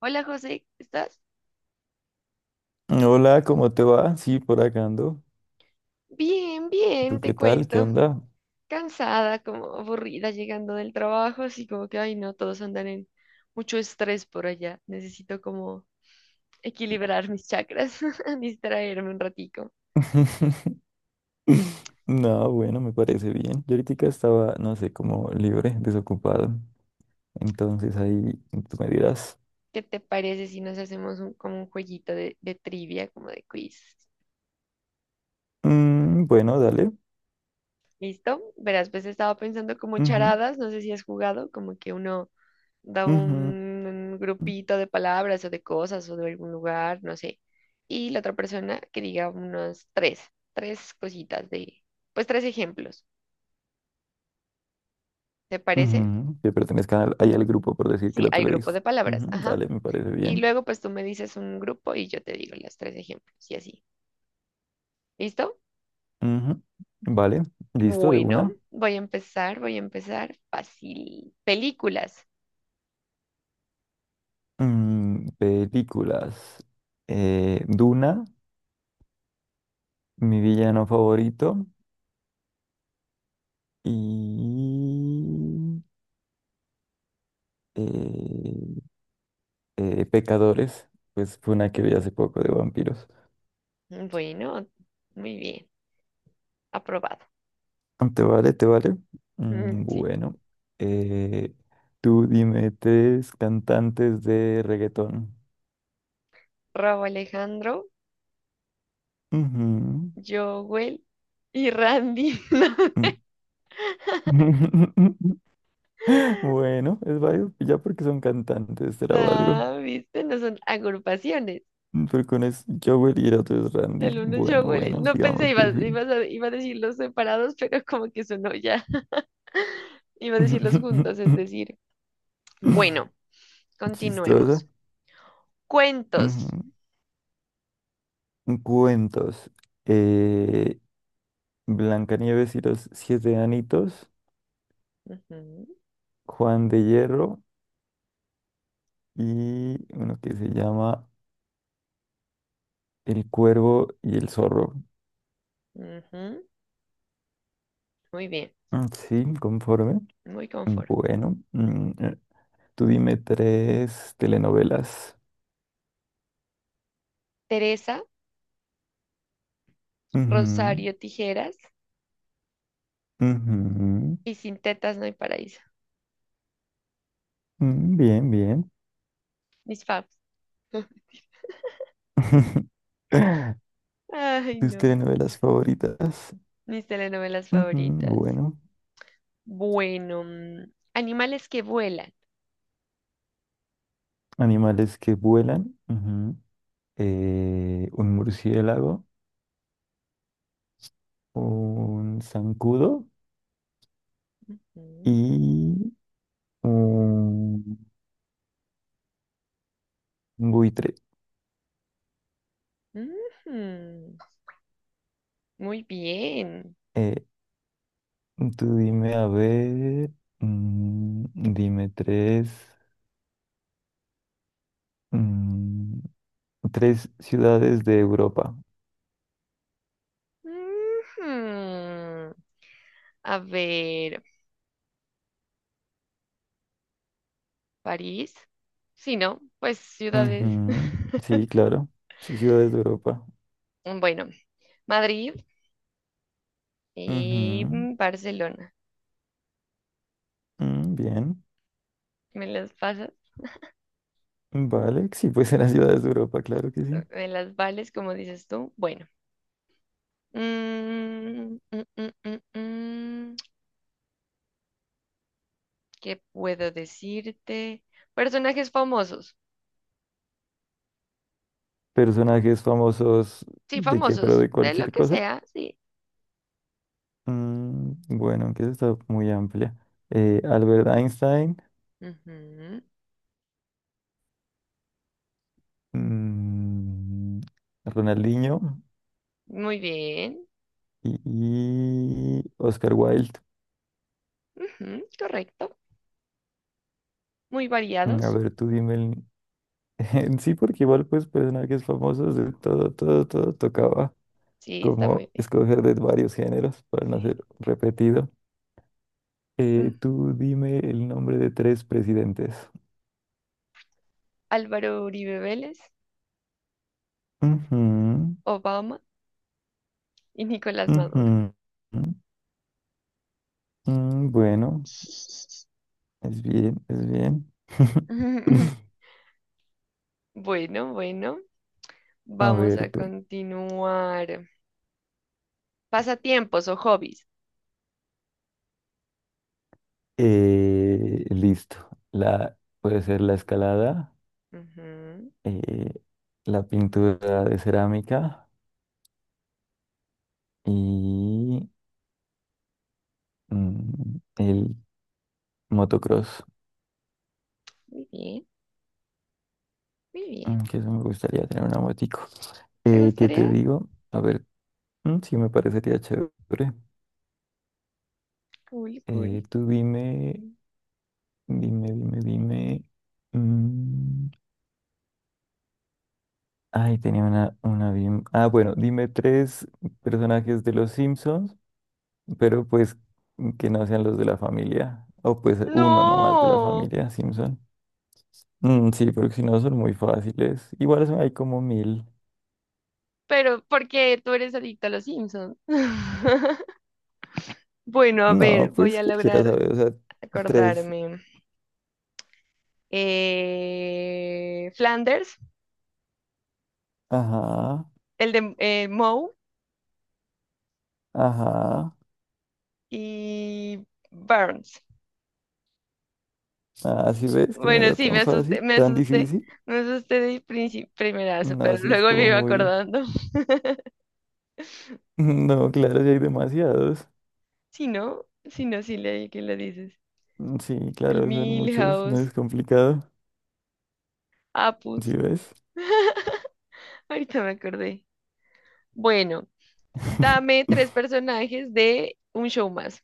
Hola José, ¿estás? Hola, ¿cómo te va? Sí, por acá ando. Bien, ¿Tú bien, qué te tal? ¿Qué cuento. onda? Cansada, como aburrida llegando del trabajo, así como que, ay no, todos andan en mucho estrés por allá. Necesito como equilibrar mis chakras, distraerme un ratico. No, bueno, me parece bien. Yo ahorita estaba, no sé, como libre, desocupado. Entonces ahí tú me dirás, ¿Qué te parece si nos hacemos un como un jueguito de trivia, como de quiz? "Mm, bueno, dale. ¿Listo? Verás, pues he estado pensando como Ujú, charadas, no sé si has jugado, como que uno da ujú, un grupito de palabras o de cosas o de algún lugar, no sé. Y la otra persona que diga unos tres cositas de, pues tres ejemplos, ¿te parece? ujú". Que ahí al grupo por decir que Sí, el al otro le grupo dijo. de palabras, "Ujú, ajá. dale, me parece Y bien. luego pues tú me dices un grupo y yo te digo los tres ejemplos y así. ¿Listo? Ujú, vale, listo, de Bueno, una. voy a empezar fácil. Películas. Mm, películas. Duna, mi villano favorito. Y eh, Pecadores, pues fue una que vi hace poco de vampiros. Bueno, muy bien, aprobado. ¿Te vale? ¿Te vale? Mm, Mm, sí, bueno, eh, tú dime tres cantantes de reggaetón. Raúl Alejandro, Ujú, Jowell y Randy. mm. Bueno, es válido, ya porque son cantantes, será algo. No, no, ¿viste? No son agrupaciones. Porque uno es Joel y el otro es Randy. El uno es Bueno, Jowell. Bueno, No pensé, digamos que iba, sí. ibas a, iba a decirlos separados, pero como que sonó ya. Iba a decirlos juntos, es decir. Bueno, Chistosa. continuemos. Cuentos. Ujú. Cuentos. Eh, Blancanieves y los siete anitos, Ujú, Juan de Hierro y uno que se llama El Cuervo y el Zorro. ujú. Muy bien, Mm, sí, conforme. muy confort. Bueno, tú dime tres telenovelas. Teresa, Ujú, Rosario Tijeras ujú, y Sin Tetas No Hay Paraíso. mm, bien, bien. Mis faves. Ay, ¿Tus no. telenovelas favoritas? Mis telenovelas Ujú, favoritas. bueno, Bueno, animales que vuelan. animales que vuelan. Ujú, un murciélago, un zancudo Mm, y un buitre. ujú, muy bien. Eh, tú dime, a ver, mm, dime tres, mm, tres ciudades de Europa. Ujú. A ver, París. Sí, ¿no? Pues ciudades. Ujú, sí, claro, sí, ciudades de Europa. Bueno, Madrid y Ujú, Barcelona. mm, bien, ¿Me las pasas? vale, sí, pues eran ciudades de Europa, claro que sí. ¿Me las vales, como dices tú? Bueno. Mm, mm. ¿Qué puedo decirte? Personajes famosos. Personajes famosos Sí, de qué, pero famosos, de de lo cualquier que cosa. sea, sí. Mm, bueno, que eso está muy amplia. Albert Einstein, Ujú. mm, Ronaldinho Muy bien. y, Oscar Wilde. Ujú, correcto. Muy Mm, a variados. ver, tú dime el... sí, porque igual pues personajes famosos de todo, todo, todo tocaba Sí, está como muy bien. escoger de varios géneros para no ser Sí. repetido. Mm, Tú dime el nombre de tres presidentes. Álvaro Uribe Vélez, Ujú, Obama y Nicolás Maduro. ujú, ujú. Mm, bueno. Es bien, es bien. Bueno, bueno, A vamos ver a tú. continuar. Pasatiempos o hobbies. Listo. La, puede ser la escalada, Ujú. eh, la pintura de cerámica y mm, el motocross. Muy bien, muy bien. Mm, que eso me gustaría tener una motico. ¿Te ¿Qué gustaría? te digo? A ver, mm, sí me parecería chévere. Cool, cool. Tú dime, dime. Mm, ay, tenía una bien. Ah, bueno, dime tres personajes de los Simpsons, pero pues que no sean los de la familia. O pues uno nomás de la No, familia Simpson. Mm, sí, porque si no son muy fáciles. Igual hay como mil. pero porque tú eres adicto a los Simpsons. Bueno, a ver, No, voy pues a cualquiera lograr sabe, o sea, tres. acordarme. Flanders, Ajá, el de Moe ajá. y Burns. Ah, ¿sí ves que no Bueno, era sí, tan me asusté, fácil, me tan asusté, difícil? me asusté de primerazo, No, pero sí es luego me como iba muy. acordando. No, claro, sí hay demasiados. Si no, si no, sí leí que lo dices. Mm, sí, El claro, son muchos, no Milhouse, es complicado. ¿Sí Apus. ves? Ahorita me acordé. Bueno, dame tres personajes de un show más.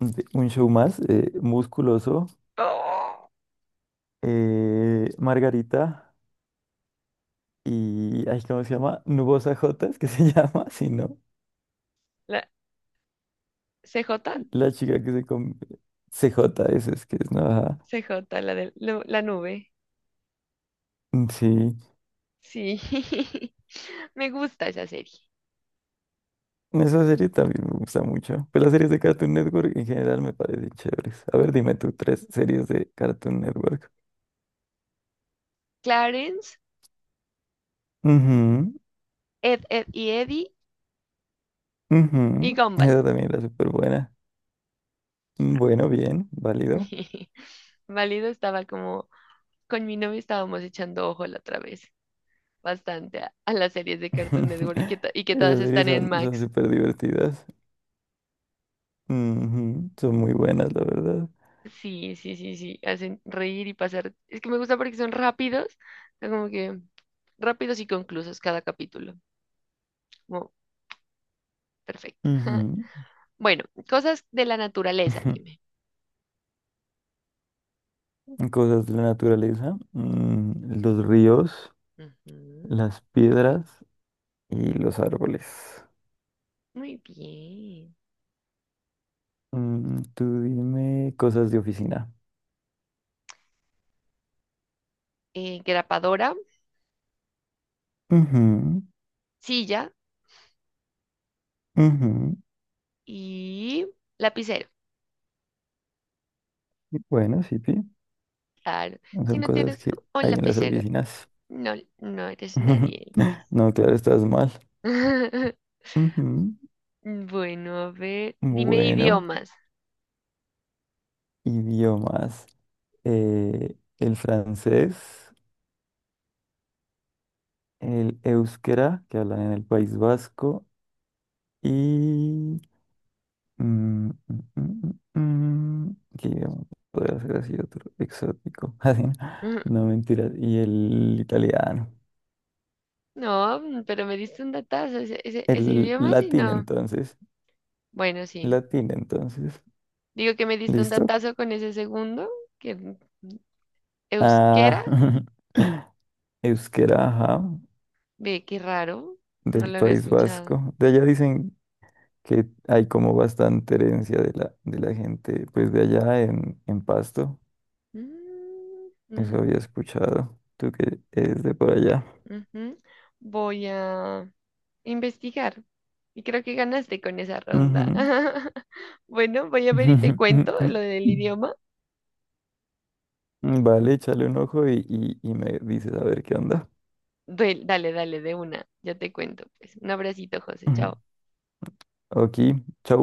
Un show más, musculoso, ¡Oh! Margarita y, ay, ¿cómo se llama? Nubosa J, es que se llama, si no, La C J, la chica que se come. CJ, eso es que es, ¿no? Ajá. C J, la de la nube. Sí, Sí, me gusta esa serie. esa serie también me gusta mucho. Pero las series de Cartoon Network en general me parecen chéveres. A ver, dime tú tres series de Cartoon Network. Clarence, Ujú, Ed, Ed y Eddie y ujú, Gumball. esa también era súper buena. Bueno, bien, válido. Válido estaba como, con mi novio estábamos echando ojo la otra vez, bastante a las series de Cartoon Network y que todas Esas series están en son, son Max. súper divertidas. Ujú, son muy buenas, la verdad. Sí, sí, sí, sí, hacen reír y pasar. Es que me gusta porque son rápidos, son como que rápidos y conclusos cada capítulo. Como, perfecto. Ujú. Bueno, cosas de la naturaleza, dime. Cosas de la naturaleza. Mm, los ríos, Ujú, las piedras y los árboles. muy bien. Mm, tú dime cosas de oficina. Eh, grapadora, silla Ujú, ujú. y lapicero. Bueno, sí, pi, Claro, si son no cosas tienes que un hay en las lapicero, oficinas. no, no eres nadie. No, claro, estás mal. Ujú. Bueno, a ver, dime Bueno, idiomas. idiomas. El francés, el euskera, que hablan en el País Vasco, y... mm, mm, mm, mm, ¿qué idioma podría ser así otro exótico? Así, Mm, no mentiras. Y el italiano. no, pero me diste un datazo, ese El idioma sí latín, no. entonces. Bueno, sí. Latín, entonces. Digo que me diste un ¿Listo? datazo con ese segundo, que euskera, Ah, euskera, ajá, ve, qué raro, no del lo había País escuchado. Vasco. De allá dicen que hay como bastante herencia de la gente, pues de allá en Pasto. Mm, Eso había mm, escuchado. Tú que es de por allá. ujú. Voy a... investigar. Y creo que ganaste con esa Ujú. ronda. Bueno, voy a ver y te cuento lo del idioma. Vale, échale un ojo y me dices a ver qué onda. Dale, dale, de una. Ya te cuento. Pues un abracito, José. Ujú. Chao. Ok, chau.